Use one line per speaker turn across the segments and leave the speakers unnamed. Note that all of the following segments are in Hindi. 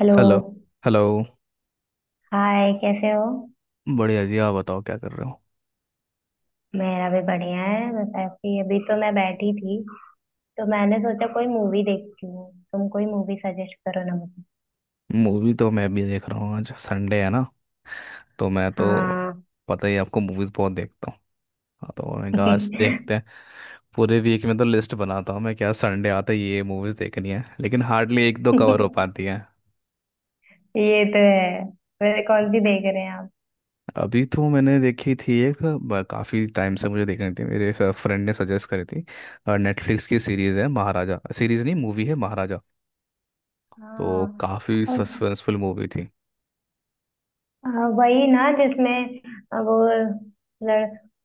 हेलो।
हेलो। हेलो।
हाय, कैसे हो?
बढ़िया जी। आप बताओ क्या कर रहे हो।
मेरा भी बढ़िया है। बस ऐसे ही, अभी तो मैं बैठी थी, तो मैंने सोचा कोई मूवी देखती हूँ। तुम कोई मूवी सजेस्ट करो ना मुझे।
मूवी तो मैं भी देख रहा हूँ। आज संडे है ना। तो मैं तो
हाँ।
पता ही है आपको, मूवीज बहुत देखता हूँ। हाँ, तो मैंने कहा आज देखते हैं। पूरे वीक में तो लिस्ट बनाता हूँ मैं, क्या संडे आता है ये मूवीज देखनी है, लेकिन हार्डली एक दो कवर हो पाती है।
ये तो है। वैसे कौन सी देख रहे हैं आप?
अभी तो मैंने देखी थी एक काफी टाइम से मुझे देखनी थी, मेरे फ्रेंड ने सजेस्ट करी थी। नेटफ्लिक्स की सीरीज है महाराजा। सीरीज नहीं, मूवी है महाराजा। तो
हाँ।
काफी
अ,
सस्पेंसफुल मूवी थी।
वही ना जिसमें वो लड़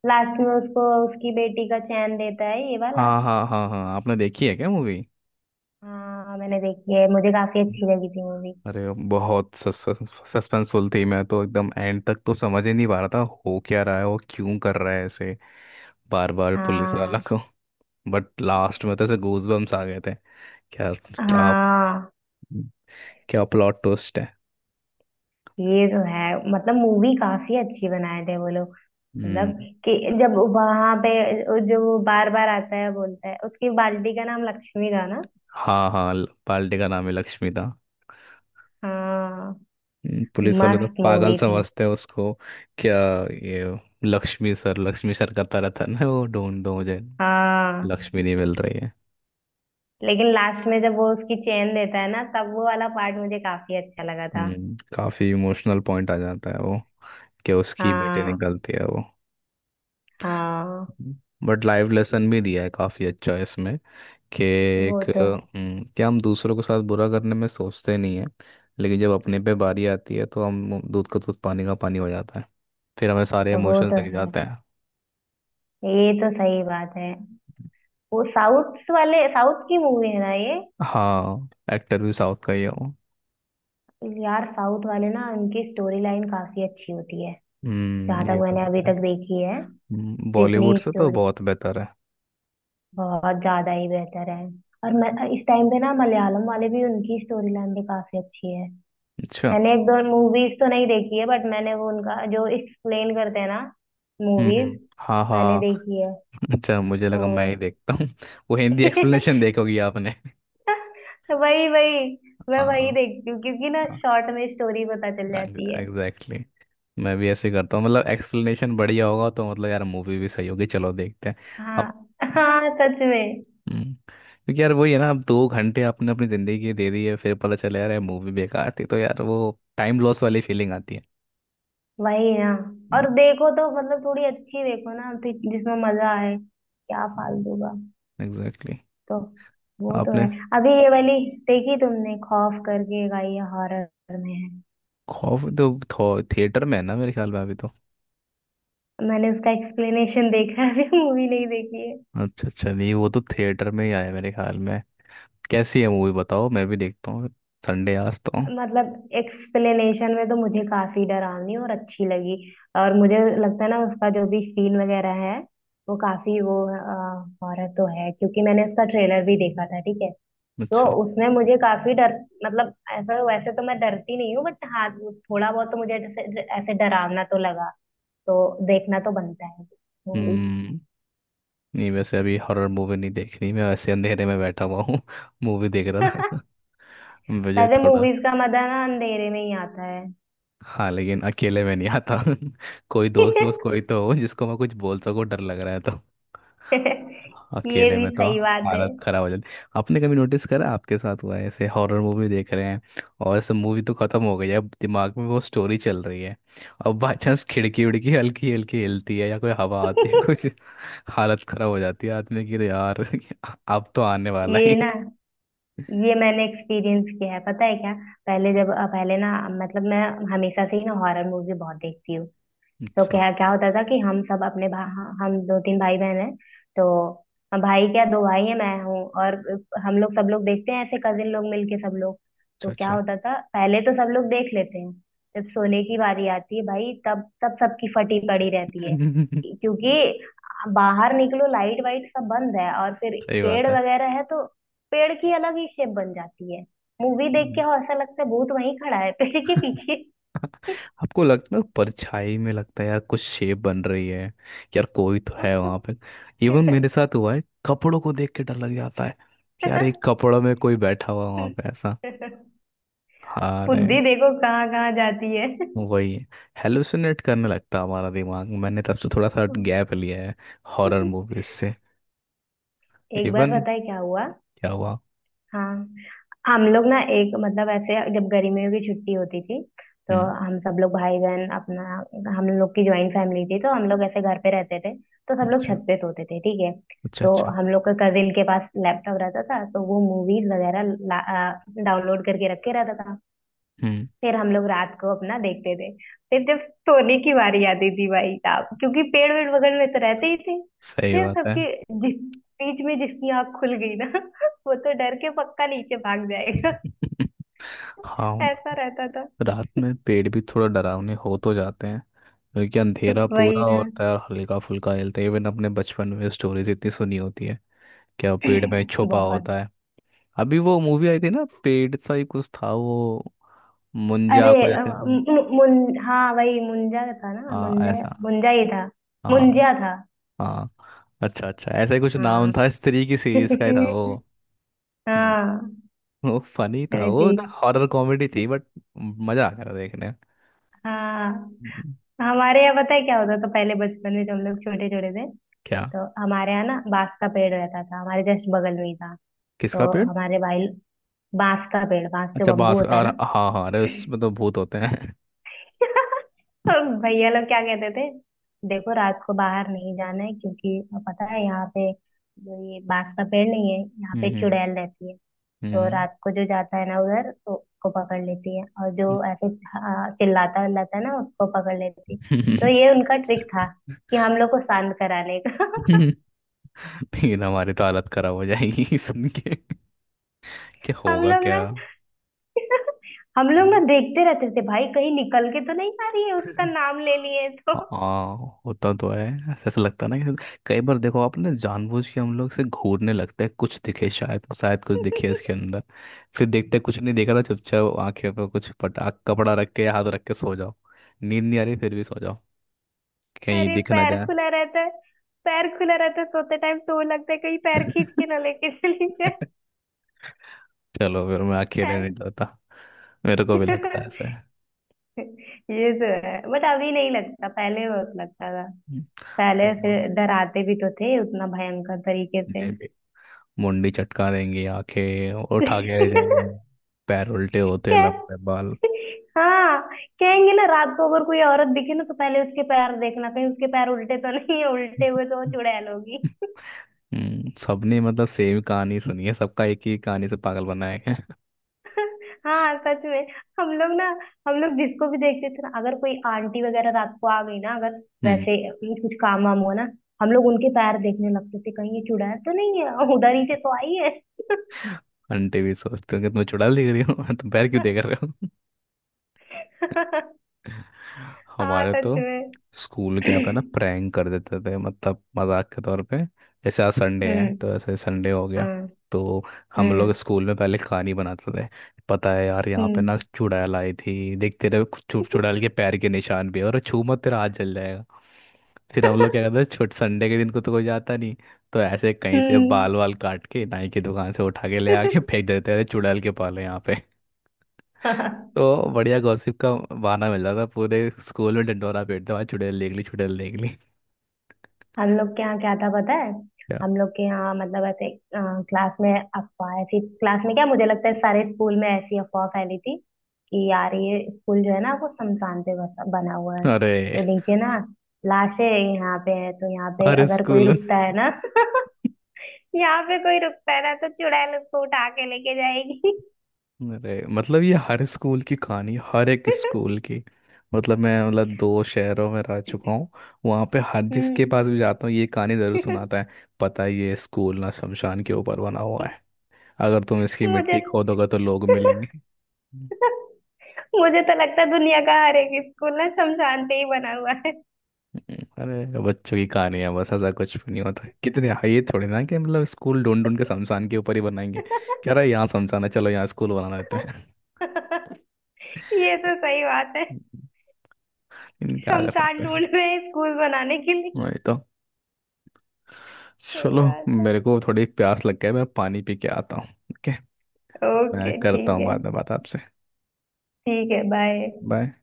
लास्ट में उसको उसकी बेटी का चैन देता है ये वाला।
हाँ, हाँ, हाँ, हाँ। आपने देखी है क्या मूवी।
हाँ, मैंने देखी है, मुझे काफी अच्छी लगी थी मूवी।
अरे। बहुत सस्पेंसफुल थी। मैं तो एकदम एंड तक तो समझ ही नहीं पा रहा था। हो क्या रहा है, वो क्यों कर रहा है ऐसे। बार बार पुलिस वाला
हाँ
को। बट लास्ट में तो ऐसे गूजबम्स आ गए थे। क्या। क्या।
हाँ।
क्या प्लॉट ट्विस्ट है।
ये तो है। मतलब मूवी काफी अच्छी बनाए थे वो लोग। मतलब
हम्म।
कि जब वहां पे जो वो बार बार आता है बोलता है, उसकी बाल्टी का नाम लक्ष्मी था ना।
हाँ, हाँ, पार्टी का नाम है लक्ष्मी था।
हाँ।
पुलिस वाले तो
मस्त
पागल
मूवी थी।
समझते हैं उसको। क्या। ये लक्ष्मी सर करता रहता है ना, वो ढूंढ दो मुझे।
हाँ।
लक्ष्मी नहीं मिल रही है।
लेकिन लास्ट में जब वो उसकी चेन देता है ना, तब वो वाला पार्ट मुझे काफी अच्छा लगा था।
काफी इमोशनल पॉइंट आ जाता है वो। कि उसकी बेटे
हाँ
निकलती है वो।
हाँ।
बट लाइफ लेसन भी दिया है काफी अच्छा इसमें। कि
वो
एक।
तो है।
कि हम दूसरों के साथ बुरा करने में सोचते नहीं है। लेकिन जब अपने पे बारी आती है तो हम दूध का दूध पानी का पानी हो जाता है। फिर हमें सारे
वो
इमोशंस
तो
दिख
है।
जाते हैं।
ये तो सही बात है। वो साउथ वाले, साउथ की मूवी है ना ये।
हाँ, एक्टर भी साउथ का ही है वो।
यार, साउथ वाले ना, उनकी स्टोरी लाइन काफी अच्छी होती है, जहाँ
हम्म। ये
तक
तो
मैंने अभी
है।
तक देखी है।
बॉलीवुड
जितनी
से तो
स्टोरी,
बहुत बेहतर है।
बहुत ज्यादा ही बेहतर है। और इस टाइम पे ना मलयालम वाले भी, उनकी स्टोरी लाइन भी काफी अच्छी है।
अच्छा।
मैंने एक दो मूवीज तो नहीं देखी है, बट मैंने वो उनका जो एक्सप्लेन करते हैं ना,
हम्म,
मूवीज,
हाँ,
मैंने
हाँ।
देखी है।
अच्छा, मुझे
वो
लगा मैं ही देखता हूँ वो हिंदी एक्सप्लेनेशन। देखोगी आपने।
वही वही, मैं वही
हाँ,
देखती हूँ, क्योंकि ना
हाँ,
शॉर्ट में स्टोरी पता चल जाती है।
Exactly exactly. मैं भी ऐसे करता हूँ। मतलब एक्सप्लेनेशन बढ़िया होगा तो मतलब यार मूवी भी सही होगी। चलो देखते हैं।
हाँ
अब।
हाँ, सच में।
क्योंकि यार वही है ना, अब 2 घंटे आपने अपनी जिंदगी की दे दी है, फिर पता चला यार मूवी बेकार थी, तो यार वो टाइम लॉस वाली फीलिंग आती है।
वही ना। और देखो तो मतलब थोड़ी अच्छी देखो ना, तो जिसमें मजा आए, क्या फालतू का।
Exactly exactly.
तो वो तो
आपने।
है। अभी ये वाली देखी तुमने, खौफ करके गाई है, हॉरर में है?
खौफ तो थिएटर में है ना मेरे ख्याल में, अभी तो।
मैंने उसका एक्सप्लेनेशन देखा है, अभी मूवी नहीं देखी है।
अच्छा, अच्छा। नहीं वो तो थिएटर में ही आया मेरे ख्याल में। कैसी है मूवी बताओ, मैं भी देखता हूँ। संडे आज तो।
मतलब एक्सप्लेनेशन में तो मुझे काफी डरावनी और अच्छी लगी। और मुझे लगता है ना उसका जो भी सीन वगैरह है, वो काफी वो, हॉरर तो है, क्योंकि मैंने उसका ट्रेलर भी देखा था, ठीक है। तो
अच्छा।
उसने मुझे काफी डर, मतलब ऐसा वैसे तो मैं डरती नहीं हूँ, बट हाँ, वो थोड़ा बहुत तो मुझे ऐसे ऐसे डरावना तो लगा। तो देखना तो बनता है मूवी।
हम्म। नहीं वैसे अभी हॉरर मूवी नहीं देख रही, मैं वैसे अंधेरे में बैठा हुआ हूँ मूवी देख रहा था। मुझे
वैसे
थोड़ा।
मूवीज का मजा ना अंधेरे में ही आता है।
हाँ, लेकिन अकेले में नहीं आता। कोई दोस्त वोस्त कोई तो हो, जिसको मैं कुछ बोल सकूँ डर लग रहा है तो।
ये
अकेले
भी
में तो।
सही बात है।
हालत खराब हो जाती। आपने कभी नोटिस करा आपके साथ हुआ है ऐसे, हॉरर मूवी देख रहे हैं। और ऐसे मूवी तो खत्म हो गई है, अब दिमाग में वो स्टोरी चल रही है। अब बाई चांस खिड़की उड़की हल्की हल्की हिलती है या कोई हवा आती है कुछ। हालत खराब हो जाती है आदमी की। अरे यार अब तो आने वाला
ये
ही
ना, ये मैंने एक्सपीरियंस किया है, पता है क्या? पहले ना, मतलब मैं हमेशा से ही ना हॉरर मूवी बहुत देखती हूँ। तो
अच्छा,
क्या क्या होता था कि हम सब अपने हाँ, हम दो तीन भाई बहन हैं। तो हम भाई क्या, दो भाई हैं, मैं हूँ और हम लोग, सब लोग देखते हैं ऐसे कजिन लोग मिलके सब लोग।
अच्छा,
तो क्या
अच्छा।
होता था, पहले तो सब लोग देख लेते हैं। जब सोने की बारी आती है भाई, तब तब सबकी फटी पड़ी रहती है। क्योंकि बाहर निकलो, लाइट वाइट सब बंद है, और फिर
सही
पेड़
बात है।
वगैरह है तो पेड़ की अलग ही शेप बन जाती है। मूवी देख के हो, ऐसा लगता है भूत वहीं खड़ा है पेड़ के पीछे।
आपको लगता है परछाई में, लगता है यार कुछ शेप बन रही है। यार कोई तो है वहां पे। इवन मेरे साथ हुआ है कपड़ों को देख के डर लग जाता है। कि यार एक कपड़ों में कोई बैठा हुआ वहां पे ऐसा। हाँ रे।
बुद्धि देखो कहाँ कहाँ जाती है।
वही है। हेलुसिनेट करने लगता है हमारा दिमाग। मैंने तब से थोड़ा सा गैप लिया है। हॉरर मूवीज से।
एक बार
इवन।
पता है क्या हुआ?
क्या हुआ।
हाँ, हम लोग ना एक, मतलब ऐसे जब गर्मियों की छुट्टी होती थी, तो
हम्म।
हम सब लोग भाई बहन अपना, हम लोग की ज्वाइंट फैमिली थी, तो हम लोग ऐसे घर पे रहते थे। तो सब लोग
अच्छा,
छत पे सोते थे, ठीक है।
अच्छा,
तो
अच्छा।
हम लोग का कजिन के पास लैपटॉप रहता था, तो वो मूवीज वगैरह डाउनलोड करके रखे रहता था।
हम्म।
फिर हम लोग रात को अपना देखते थे। फिर जब सोने की बारी आती थी भाई साहब, क्योंकि पेड़ वेड़ बगल में तो रहते ही थे,
सही
फिर
बात है।
सबके, जिस बीच में जिसकी आंख खुल गई ना वो तो डर के पक्का नीचे भाग जाएगा।
हाँ।
ऐसा रहता था।
रात में पेड़ भी थोड़ा डरावने हो तो जाते हैं। क्योंकि अंधेरा पूरा
वही ना।
होता है और हल्का फुल्का हिलता है, इवन अपने बचपन में स्टोरीज इतनी सुनी होती है। क्या वो पेड़ में छुपा
बहुत।
होता है। अभी वो मूवी आई थी ना पेड़ सा ही कुछ था वो।
अरे
मुंजा को जैसे।
मुन, हाँ, वही मुंजा था ना,
हाँ,
मुंजा।
ऐसा।
मुंजा ही था।
हाँ।
मुंजिया था।
हाँ अच्छा, अच्छा। ऐसा ही कुछ नाम
हाँ।
था, स्त्री की सीरीज का ही था वो। हम्म।
हाँ।
वो फनी था
अरे
वो।
देख।
हॉरर कॉमेडी थी बट मजा आ गया था देखने।
हाँ।
हम्म।
हमारे यहाँ पता है क्या होता था? तो पहले बचपन में जब हम लोग छोटे छोटे थे,
क्या।
तो हमारे यहाँ ना बांस का पेड़ रहता था, हमारे जस्ट बगल में ही था।
किसका
तो
पेड़।
हमारे भाई, बांस का पेड़, बांस जो
अच्छा,
बम्बू होता है
और
ना।
हाँ, हाँ, अरे उसमें तो भूत होते हैं।
तो भैया लोग क्या कहते थे, देखो रात को बाहर नहीं जाना है, क्योंकि पता है यहाँ पे जो ये बांस का पेड़ नहीं है, यहाँ पे
हम्म।
चुड़ैल रहती है। तो
हम्म।
रात को जो जाता है ना उधर, तो उसको पकड़ लेती है, और जो ऐसे हाँ, चिल्लाता विल्लाता है ना, उसको पकड़ लेती है। तो ये उनका ट्रिक था कि हम लोग को शांत कराने का।
हम्म। लेकिन हमारी तो हालत खराब हो जाएगी सुन के। क्या
हम
होगा
लोग ना
क्या।
हम लोग ना
हम्म।
देखते रहते थे भाई, कहीं निकल के तो नहीं आ रही है उसका नाम ले लिए तो।
हाँ, होता तो है। ऐसा ऐसा लगता है ना कि, कई बार देखो आपने जानबूझ के हम लोग से घूरने लगते हैं, कुछ दिखे शायद, शायद कुछ दिखे इसके अंदर। फिर देखते कुछ नहीं देखा ना, चुपचाप आंखें पर कुछ पटा कपड़ा रख के हाथ रख के सो जाओ। नींद नहीं आ रही फिर भी सो जाओ। कहीं
अरे
दिख ना
पैर
जाए।
खुला रहता है, पैर खुला रहता है सोते टाइम, तो लगता है कहीं पैर खींच के ना लेके चली जाए।
चलो फिर मैं अकेले
यार।
नहीं डरता। मेरे को भी लगता है ऐसे।
ये तो है, बट अभी नहीं लगता, पहले बहुत लगता। पहले
हम्म।
फिर डराते भी तो थे उतना भयंकर तरीके से।
ये भी। मुंडी चटका देंगी, आंखें उठा के ले जाएंगी। पैर उल्टे होते,
क्या।
लंबे बाल।
हाँ। कहेंगे ना रात को अगर कोई औरत दिखे ना, तो पहले उसके पैर देखना, कहीं उसके पैर उल्टे तो नहीं है, उल्टे हुए तो वो चुड़ैल होगी।
सबने मतलब सेम कहानी सुनी है, सबका एक ही कहानी से पागल बनाया गया है।
हाँ, सच में। हम लोग ना, हम लोग जिसको भी देखते थे ना, अगर कोई आंटी वगैरह रात को आ गई ना, अगर
हम्म।
वैसे कुछ काम वाम हुआ ना, हम लोग उनके पैर देखने लगते थे, कहीं ये चुड़ैल तो नहीं है, उधर ही से तो आई है।
आंटी भी सोचते हो कि तुम्हें चुड़ैल दिख रही हो तुम पैर क्यों देख रहे हो।
हाँ,
हमारे
सच
तो
में।
स्कूल के यहाँ पे ना प्रैंक कर देते थे, मतलब मजाक के तौर पे। जैसे आज संडे है
हम्म।
तो ऐसे संडे हो गया।
हम्म।
तो हम लोग
हम्म।
स्कूल में पहले कहानी बनाते थे। पता है यार यहाँ पे
हम्म।
ना चुड़ैल आई थी, देख तेरे चुड़ैल के पैर के निशान भी है, और छू मत तेरा हाथ जल जाएगा। फिर हम लोग क्या करते थे, छोट संडे के दिन को तो कोई जाता नहीं। तो ऐसे कहीं से
हम्म।
बाल वाल काट के नाई की दुकान से उठा के ले आके फेंक देते थे चुड़ैल के पाले यहाँ। तो बढ़िया गॉसिप का बहाना मिल रहा था, पूरे स्कूल में ढिंढोरा पीटते भाई चुड़ैल देख ली, चुड़ैल देख ली।
हम लोग के यहाँ क्या था पता है?
क्या।
हम लोग के यहाँ, मतलब ऐसे क्लास में, अफवाह ऐसी क्लास में, क्या मुझे लगता है सारे स्कूल में ऐसी अफवाह फैली थी, कि यार ये स्कूल जो है ना, वो शमशान पे बसा बना हुआ है।
अरे।
तो नीचे ना लाशें यहाँ पे है, तो यहाँ पे
हर
अगर कोई
स्कूल।
रुकता है ना, यहाँ पे कोई रुकता है ना, तो चुड़ैल उसको उठा के लेके जाएगी।
अरे मतलब ये हर स्कूल की कहानी, हर एक स्कूल की। मतलब मैं मतलब दो शहरों में रह चुका हूँ। वहाँ पे हर जिसके पास
हम्म।
भी जाता हूँ ये कहानी ज़रूर सुनाता है। पता है ये स्कूल ना शमशान के ऊपर बना हुआ है। अगर तुम इसकी
मुझे
मिट्टी खोदोगे तो लोग मिलेंगे।
मुझे तो लगता है दुनिया का हर एक स्कूल ना शमशान पे ही बना हुआ है।
अरे बच्चों की कहानियां बस, ऐसा कुछ भी नहीं होता, कितने हाँ, ये थोड़ी ना कि मतलब स्कूल ढूंढ ढूंढ के शमशान के ऊपर ही बनाएंगे। कह रहा है यहाँ शमशान है चलो यहाँ स्कूल बना देते हैं
ये तो सही बात है कि
लेकिन। क्या कर सकते
शमशान
हैं।
ढूंढ रहे हैं स्कूल बनाने के लिए।
वही तो।
सही
चलो।
बात है।
मेरे को थोड़ी प्यास लग गई, मैं पानी पी के आता हूँ, ओके। मैं
ओके,
करता
ठीक
हूँ
है।
बाद में बात आपसे।
ठीक है, बाय।
बाय।